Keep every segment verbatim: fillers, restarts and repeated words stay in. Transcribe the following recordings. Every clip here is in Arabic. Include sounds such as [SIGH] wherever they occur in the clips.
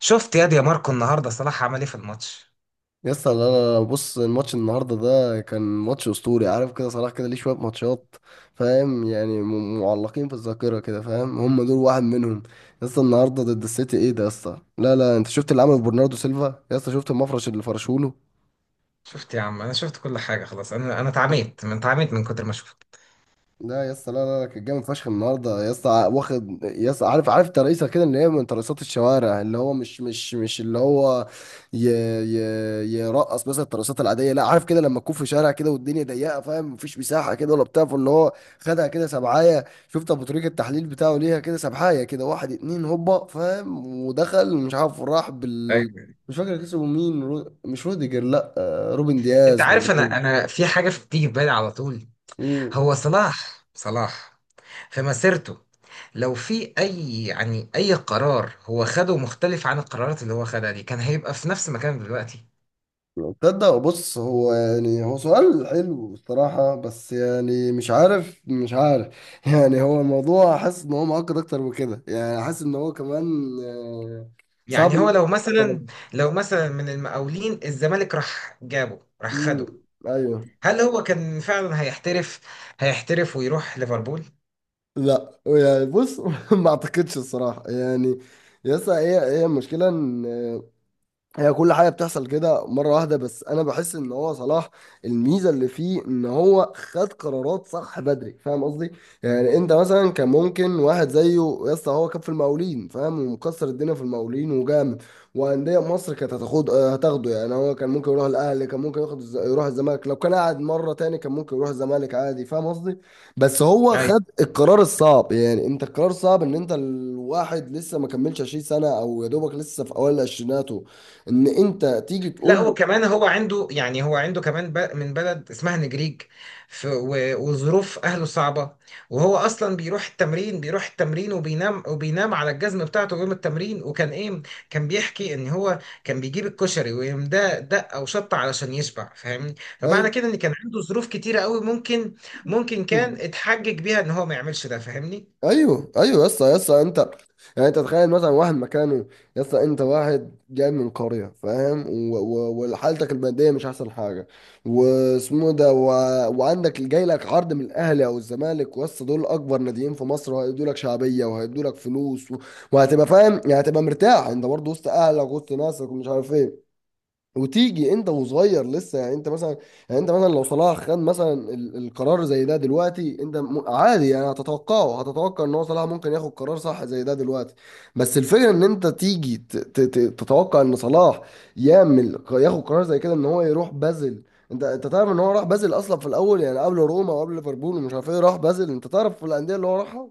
شفت ياد يا ماركو، النهارده صلاح عمل ايه في الماتش؟ يسطا انا بص، الماتش النهارده ده كان ماتش اسطوري. عارف كده صلاح كده ليه شويه ماتشات فاهم يعني م- معلقين في الذاكره كده فاهم، هم دول واحد منهم. يسطا النهارده ضد السيتي ايه ده؟ يسطا لا لا، انت شفت اللي عمله برناردو سيلفا؟ يسطا شفت المفرش اللي فرشوله؟ شفت يا عم، انا شفت كل حاجه خلاص. انا انا اتعميت، من اتعميت من كتر ما شفت. لا يا اسطى، لا لا لا كان جامد فشخ النهارده يا اسطى. ع- واخد يا اسطى، عارف عارف ترقيصه كده اللي هي من ترقيصات الشوارع، اللي هو مش مش مش اللي هو ي ي يرقص مثلا الترقيصات العاديه، لا، عارف كده لما تكون في شارع كده والدنيا ضيقه فاهم، مفيش مساحه كده ولا بتاع. فاللي هو خدها كده سبعايه، شفت ابو طريق التحليل بتاعه ليها كده، سبعايه كده، واحد اتنين هوبا فاهم، ودخل. مش عارف راح بال، ايوه. مش فاكر كسبه مين. رو... مش روديجر، لا، آه، روبن انت دياز ولا عارف، انا انا في حاجه في- بتيجي في بالي على طول. مين. هو صلاح، صلاح في مسيرته، لو في اي يعني اي قرار هو خده مختلف عن القرارات اللي هو خدها دي، كان هيبقى في نفس مكانه دلوقتي. تصدق بص، هو يعني هو سؤال حلو الصراحة، بس يعني مش عارف مش عارف [LAUGHS] يعني هو الموضوع، حاسس ان هو معقد اكتر من كده. يعني حاسس ان هو كمان آه، صعب يعني هو إن- لو مثلا لو مثلا من المقاولين، الزمالك راح جابه، راح امم خده، ايوه. هل هو كان فعلا هيحترف هيحترف ويروح ليفربول؟ لا يعني بص [LAUGHS] ما اعتقدش الصراحة يعني. يسا هي هي المشكلة، هي كل حاجه بتحصل كده مره واحده. بس انا بحس ان هو صلاح، الميزه اللي فيه ان هو خد قرارات صح بدري، فاهم قصدي؟ يعني انت مثلا، كان ممكن واحد زيه، يا اسطى هو كان في المقاولين فاهم، ومكسر الدنيا في المقاولين وجامد، وانديه مصر كانت هتاخد آه، هتاخده. يعني هو كان ممكن يروح الاهلي، كان ممكن ياخد الز- يروح الزمالك، لو كان قاعد مره تاني كان ممكن يروح الزمالك عادي، فاهم قصدي؟ بس هو خد القرار الصعب. يعني انت القرار صعب ان انت الواحد لسه ما كملش عشرين سنة سنه او يا دوبك لسه في اوائل عشريناته، ان انت تيجي لا، تقول له وكمان هو عنده، يعني هو عنده كمان ب- من بلد اسمها نجريج، ف- و- وظروف أهله صعبة. وهو أصلا بيروح التمرين بيروح التمرين وبينام وبينام على الجزم بتاعته يوم التمرين، وكان إيه، كان بيحكي إن هو كان بيجيب الكشري ويقوم ده دقة وشطة علشان يشبع، فاهمني؟ ايوه فمعنى كده إن كان عنده ظروف كتيرة قوي، ممكن ممكن كان اتحجج بيها إن هو ما يعملش ده، فاهمني؟ ايوه ايوه. يسا يسا انت، يعني انت تخيل مثلا واحد مكانه. يسا انت واحد جاي من قريه فاهم، و- و- وحالتك الماديه مش احسن حاجه، واسمه ده و... وعندك جاي لك عرض من الاهلي او الزمالك، ويسا دول اكبر ناديين في مصر، وهيدوا لك شعبيه وهيدوا لك فلوس و... وهتبقى فاهم، يعني هتبقى مرتاح انت برضه وسط اهلك وسط ناسك ومش عارف ايه، وتيجي انت وصغير لسه. يعني انت مثلا، يعني انت مثلا لو صلاح خد مثلا ال- القرار زي ده دلوقتي انت م- عادي، يعني هتتوقعه هتتوقع ان هو صلاح ممكن ياخد قرار صح زي ده دلوقتي. بس الفكره ان انت تيجي ت- ت- ت- تتوقع ان صلاح يعمل ياخد قرار زي كده، ان هو يروح بازل. انت انت تعرف ان هو راح بازل اصلا في الاول، يعني قبل روما وقبل ليفربول ومش عارف ايه، راح بازل. انت تعرف في الانديه اللي هو راحها؟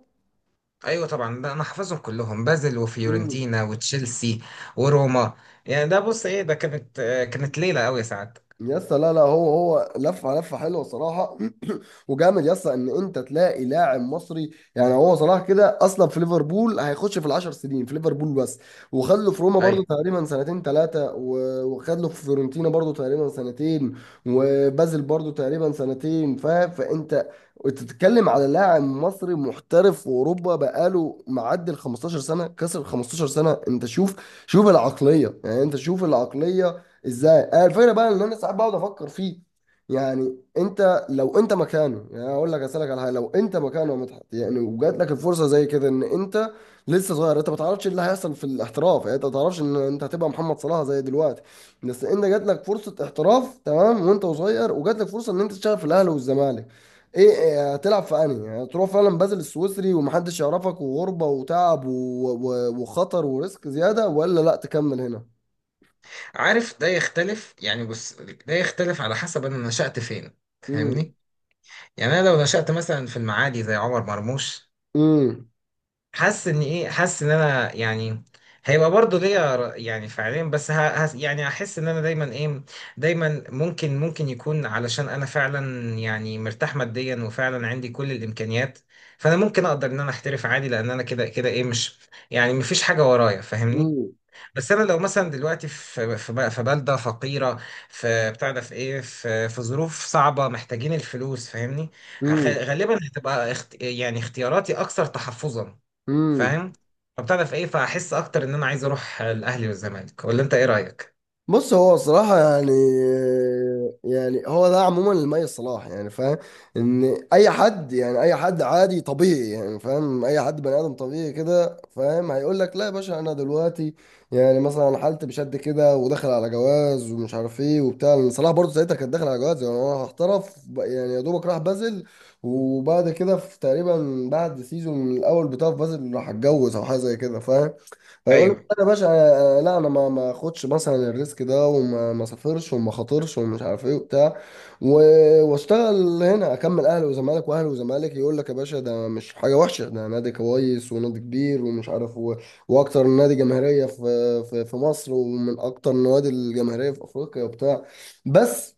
ايوه طبعا، ده انا حافظهم كلهم: بازل وفيورنتينا وتشيلسي وروما. يعني ده بص ايه، ده كانت آه، كانت ليله قوي ساعات. يس لا لا، هو هو لفه لفه حلوه صراحه. [CLEARS THROAT] وجامد يس ان انت تلاقي لاعب مصري. يعني هو صلاح كده اصلا في ليفربول هيخش في العشر سنين في ليفربول بس، وخد له في روما ايوه، برضو تقريبا سنتين ثلاثه، وخد له في فيورنتينا برضو تقريبا سنتين، وبازل برضو تقريبا سنتين فاهم. فانت تتكلم على لاعب مصري محترف في اوروبا بقاله معدي ال خمستاشر سنة سنه، كسر خمستاشر سنة سنه. انت شوف شوف العقليه، يعني انت شوف العقليه ازاي. آه، الفكره بقى ان انا ساعات بقعد افكر فيه. يعني انت لو انت مكانه، يعني اقول لك، اسالك على حاجه، لو انت مكانه يا مدحت يعني، وجات لك الفرصه زي كده، ان انت لسه صغير، انت ما تعرفش إيه اللي هيحصل في الاحتراف، يعني انت ما تعرفش ان انت هتبقى محمد صلاح زي دلوقتي. بس انت جات لك فرصه احتراف تمام، وانت صغير، وجات لك فرصه ان انت تشتغل في الاهلي والزمالك، ايه إيه، هتلعب في انهي؟ يعني تروح فعلا بازل السويسري ومحدش يعرفك، وغربه وتعب و... و... وخطر وريسك زياده، ولا لا تكمل هنا. عارف ده يختلف، يعني بص، ده يختلف على حسب انا نشأت فين، فاهمني؟ يعني انا لو نشأت مثلا في المعادي زي عمر مرموش، امم حاسس ان ايه، حاسس ان انا يعني هيبقى برضه ليا ر- يعني فعليا، بس ه... هس- يعني هحس ان انا دايما ايه، دايما ممكن ممكن يكون علشان انا فعلا يعني مرتاح ماديا، وفعلا عندي كل الامكانيات، فانا ممكن اقدر ان انا احترف عادي، لان انا كده كده ايه، مش يعني مفيش حاجه ورايا، فاهمني؟ مم. بس انا لو مثلا دلوقتي في في, ب- في بلده فقيره، في بتاع ده، في ايه، في, في ظروف صعبه، محتاجين الفلوس، فاهمني؟ هخ- مم. غالبا هتبقى اخت... يعني اختياراتي اكثر تحفظا، مم. فاهم؟ فبتعرف ايه، فاحس اكتر ان انا عايز اروح الاهلي والزمالك، ولا انت ايه رايك؟ بص هو صراحة يعني، يعني هو ده عموما المي صلاح، يعني فاهم ان اي حد، يعني اي حد عادي طبيعي، يعني فاهم اي حد بني ادم طبيعي كده فاهم، هيقول لك لا يا باشا، انا دلوقتي يعني مثلا حالتي بشد كده وداخل على جواز ومش عارف ايه وبتاع، لأن صلاح برضه ساعتها كان داخل على جواز يعني. انا هحترف ب- يعني يا دوبك راح بازل، وبعد كده في تقريبا بعد سيزون من الاول بتاع في بازل، راح اتجوز او حاجة زي كده فاهم. هيقول لك ايوه، لا يا باشا، آه، آه، لا انا ما ما اخدش مثلا الريسك ده، وما ما سافرش، وما خاطرش ومش عارف ايه وبتاع، و- واشتغل هنا. اكمل اهلي وزمالك واهلي وزمالك، يقول لك يا باشا ده مش حاجه وحشه، ده نادي كويس ونادي كبير ومش عارف و... واكتر نادي جماهيريه في... في في مصر، ومن اكتر النوادي الجماهيريه في افريقيا وبتاع. بس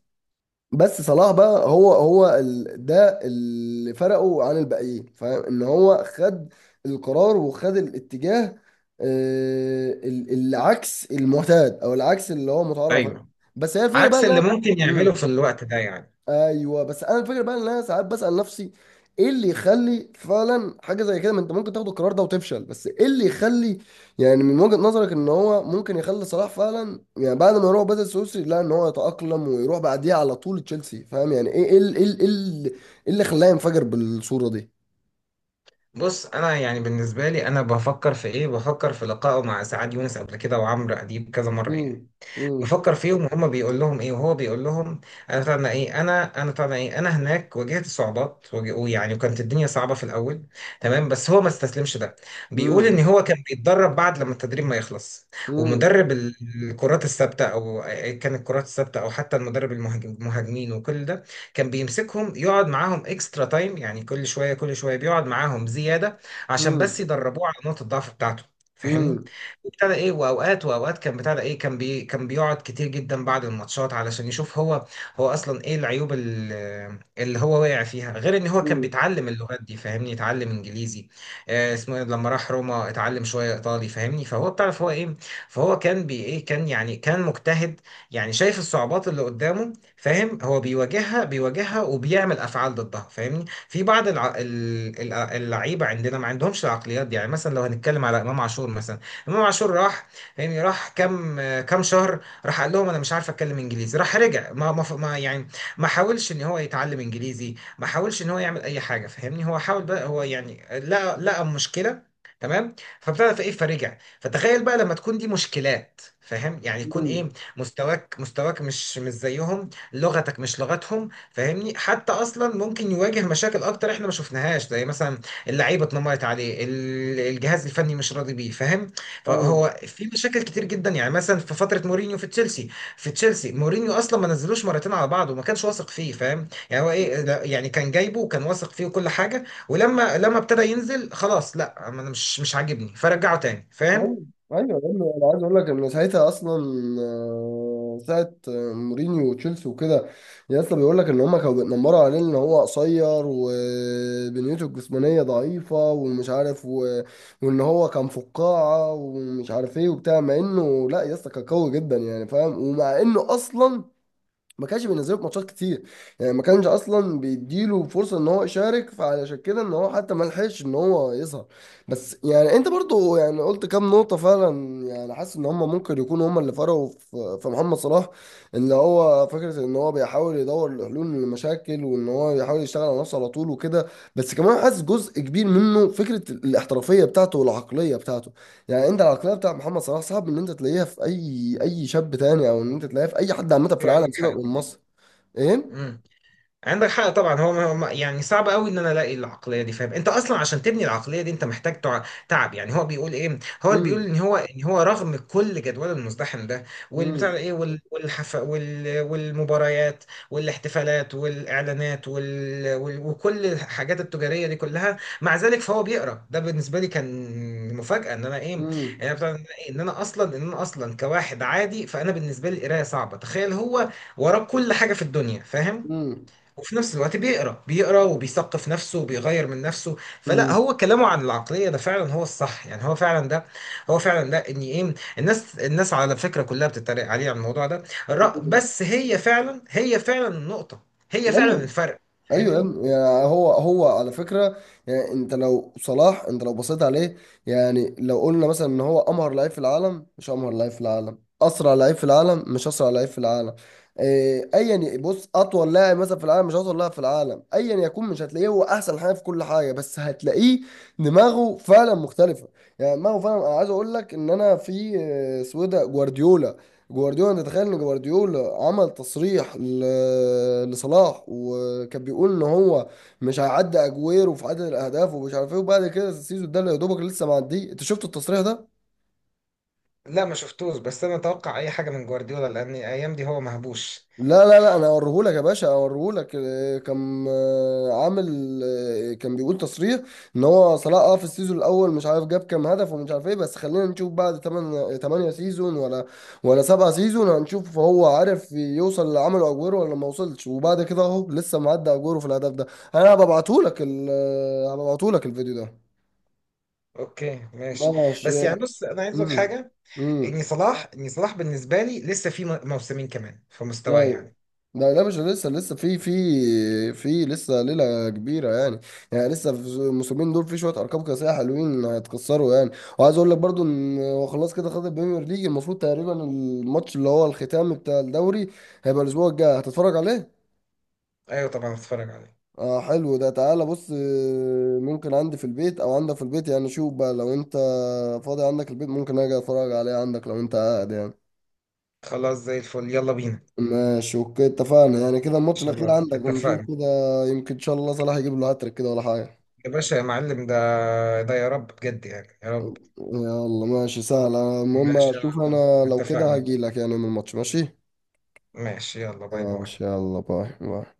بس صلاح بقى، هو هو ال... ده اللي فرقه عن الباقيين، فان هو خد القرار وخد الاتجاه، آه، ال- العكس المعتاد، او العكس اللي هو متعارف عليه. ايوه، بس هي الفكره بقى عكس اللي إن أنا- ممكن يعمله إمم. في الوقت ده يعني. ايوه. بس انا الفكره بقى ان انا ساعات بسال نفسي ايه اللي يخلي فعلا حاجه زي كده، ما انت ممكن تاخد القرار ده وتفشل. بس ايه اللي يخلي، يعني من وجهه نظرك، ان هو ممكن يخلي صلاح فعلا يعني بعد ما يروح بدل السويسري، لا ان هو يتاقلم ويروح بعديه على طول تشيلسي، فاهم يعني؟ ايه ايه ال- ايه ال- ايه ال- إيه اللي خلاه ينفجر بالصوره دي؟ بص، انا يعني بالنسبه لي انا بفكر في ايه، بفكر في لقائه مع سعاد يونس قبل كده وعمرو اديب كذا مره يعني، امم امم بفكر فيهم وهم بيقول لهم ايه وهو بيقول لهم، انا طبعا ايه، انا انا طبعا ايه، انا هناك واجهت صعوبات، وج- ويعني وكانت الدنيا صعبه في الاول. تمام، بس هو ما استسلمش ده، بيقول امم ان هو كان بيتدرب بعد لما التدريب ما يخلص، ومدرب ال- الكرات الثابته، او إيه، كان الكرات الثابته او حتى المدرب المهاج- المهاجمين، وكل ده كان بيمسكهم يقعد معاهم اكسترا تايم، يعني كل شويه كل شويه بيقعد معاهم زياده، عشان بس امم يدربوه على نقطه الضعف بتاعته، فاهمني؟ امم ابتدى ايه، واوقات واوقات كان بتاع ده ايه، كان بي كان بيقعد كتير جدا بعد الماتشات، علشان يشوف هو، هو اصلا ايه العيوب ال- اللي هو واقع فيها، غير ان هو كان امم بيتعلم اللغات دي، فاهمني؟ اتعلم انجليزي، آه اسمه إيه، لما راح روما اتعلم شويه ايطالي، فاهمني؟ فهو بتعرف هو ايه، فهو كان بي ايه كان يعني كان مجتهد. يعني شايف الصعوبات اللي قدامه، فاهم؟ هو بيواجهها بيواجهها، وبيعمل افعال ضدها، فاهمني؟ في بعض الع... ال- الع- اللعيبه عندنا ما عندهمش العقليات دي، يعني مثلا لو هنتكلم على امام عاشور مثلا. امام عاشور راح، يعني راح كام كام شهر، راح قال لهم انا مش عارف اتكلم انجليزي، راح رجع، ما ما ما- يعني ما حاولش ان هو يتعلم انجليزي، ما حاولش ان هو يعمل اي حاجه، فاهمني؟ هو حاول بقى هو، يعني لقى لقى مشكله. تمام، فابتدى في ايه فرجع، فتخيل بقى لما تكون دي مشكلات، فاهم؟ يعني يكون امم ايه، مستواك مستواك مش مش زيهم، لغتك مش لغتهم، فاهمني؟ حتى اصلا ممكن يواجه مشاكل اكتر احنا ما شفناهاش، زي مثلا اللعيبه اتنمرت عليه، ال- الجهاز الفني مش راضي بيه، فاهم؟ فهو في مشاكل كتير جدا، يعني مثلا في فتره مورينيو في تشيلسي، في تشيلسي مورينيو اصلا ما نزلوش مرتين على بعض، وما كانش واثق فيه، فاهم؟ يعني هو ايه، لا، يعني كان جايبه وكان واثق فيه وكل حاجه، ولما لما ابتدى ينزل، خلاص، لا انا مش مش عاجبني، فرجعه تاني، فاهم؟ ايوه ايوه ايوه. انا عايز اقول لك ان ساعتها اصلا، آه، ساعه آه، مورينيو وتشيلسي وكده، يا اسطى بيقول لك ان هم كانوا بيتنمروا عليه ان هو قصير، وبنيته الجسمانيه ضعيفه، ومش عارف و... وان هو كان فقاعه ومش عارف ايه وبتاع. مع انه لا يا اسطى كان قوي جدا يعني فاهم، ومع انه اصلا ما كانش بينزله في ماتشات كتير. يعني ما كانش اصلا بيديله فرصه ان هو يشارك، فعلشان كده ان هو حتى ما لحقش ان هو يظهر. بس يعني انت برضو يعني قلت كام نقطه فعلا، يعني حاسس ان هم ممكن يكونوا هم اللي فرقوا في في محمد صلاح. اللي هو فكره ان هو بيحاول يدور لحلول للمشاكل، وان هو بيحاول يشتغل على نفسه على طول وكده. بس كمان حاسس جزء كبير منه فكره الاحترافيه بتاعته والعقليه بتاعته. يعني انت العقليه بتاع محمد صلاح، صعب ان انت تلاقيها في اي اي شاب تاني، او ان انت تلاقيها في اي حد عامه في ايوه، العالم، عندك حق سيبك من طبعا. مصر. ايه. مم. عندك حق طبعا، هو هو- يعني صعب قوي ان انا الاقي العقليه دي، فاهم؟ انت اصلا عشان تبني العقليه دي انت محتاج تع- تعب. يعني هو بيقول ايه، هو اللي بيقول امم ان هو، ان هو رغم كل جدول المزدحم ده، والبتاع امم ده ايه، وال- والحف وال والمباريات، والاحتفالات والاعلانات وال وال- وكل الحاجات التجاريه دي كلها، مع ذلك فهو بيقرا، ده بالنسبه لي كان مفاجاه ان انا ايه، امم يعني بتاع- ده إيه؟ ان انا اصلا ان انا اصلا كواحد عادي، فانا بالنسبه لي القرايه صعبه، تخيل هو وراه كل حاجه في الدنيا، فاهم؟ امم وفي نفس الوقت بيقرا بيقرا وبيثقف نفسه وبيغير من نفسه. فلا، امم هو كلامه عن العقليه ده فعلا هو الصح، يعني هو فعلا ده، هو فعلا ده، ان ايه، الناس الناس على فكره كلها بتتريق عليه على الموضوع ده، الرأ- بس هي فعلا، هي فعلا النقطه، هي فعلا ايوه الفرق، ايوه يا فاهمني؟ ابني، يعني هو هو على فكره يعني انت لو صلاح انت لو بصيت عليه، يعني لو قلنا مثلا ان هو امهر لعيب في العالم، مش امهر لعيب في العالم، اسرع لعيب في العالم، مش اسرع لعيب في العالم، إيه، ايا ي- بص اطول لاعب مثلا في العالم، مش اطول لاعب في العالم، ايا يكون مش هتلاقيه هو احسن حاجه في كل حاجه، بس هتلاقيه دماغه فعلا مختلفه. يعني دماغه فعلا. انا عايز اقول لك ان انا في آه، سويدة جوارديولا، جوارديولا تتخيل ان جوارديولا عمل تصريح ل- لصلاح، وكان بيقول ان هو مش هيعدي اجويرو في عدد الاهداف ومش عارف ايه، وبعد كده السيزون ده اللي يا دوبك لسه معديه. انت شفت التصريح ده؟ لا ما شفتوش، بس انا اتوقع اي حاجه من جوارديولا، لان الايام دي هو مهبوش. لا لا لا، انا اوريهولك يا باشا اوريهولك. آه، كان آه، عامل آه، كان بيقول تصريح ان هو صلاح اه في السيزون الاول مش عارف جاب كام هدف ومش عارف ايه، بس خلينا نشوف بعد 8 8 سيزون، ولا ولا سبعة سيزون. هنشوف هو عارف يوصل اللي عمله اجويرو ولا ما وصلش. وبعد كده اهو لسه معدي اجويرو في الهدف ده. انا هبعتهولك ال آه، هبعتهولك الفيديو ده. اوكي، ماشي. ماشي. بس يعني بص، انا عايز اقول امم حاجه، ان امم صلاح، ان صلاح بالنسبه لي لسه في م- موسمين كمان في مستواه يعني. لا لا مش لسه لسه في في في لسه ليلة كبيرة يعني. يعني لسه في الموسمين دول في شوية أرقام قياسية حلوين هيتكسروا يعني. وعايز أقول لك برضو إن هو خلاص كده خد البريمير ليج. المفروض تقريبا الماتش اللي هو الختامي بتاع الدوري هيبقى الأسبوع الجاي، هتتفرج عليه؟ ايوه طبعا، هتفرج عليه. اه حلو، ده تعالى بص آه، ممكن عندي في البيت أو عندك في البيت يعني. شوف بقى لو أنت فاضي عندك البيت ممكن أجي أتفرج عليه عندك، لو أنت قاعد يعني. خلاص، زي الفل، يلا بينا، ان ماشي اوكي اتفقنا، يعني كده الماتش شاء الاخير الله، عندك ونشوف اتفقنا. كده، يمكن ان شاء الله صلاح يجيب له هاتريك كده ولا حاجه. يا باشا يا معلم، ده ده يا رب بجد، يعني يا رب. يلا ماشي سهل، المهم ماشي يا اشوف عم، انا لو كده اتفقنا. هجيلك يعني من الماتش. ماشي ماشي، يلا، باي باي. ماشي يلا باي باي.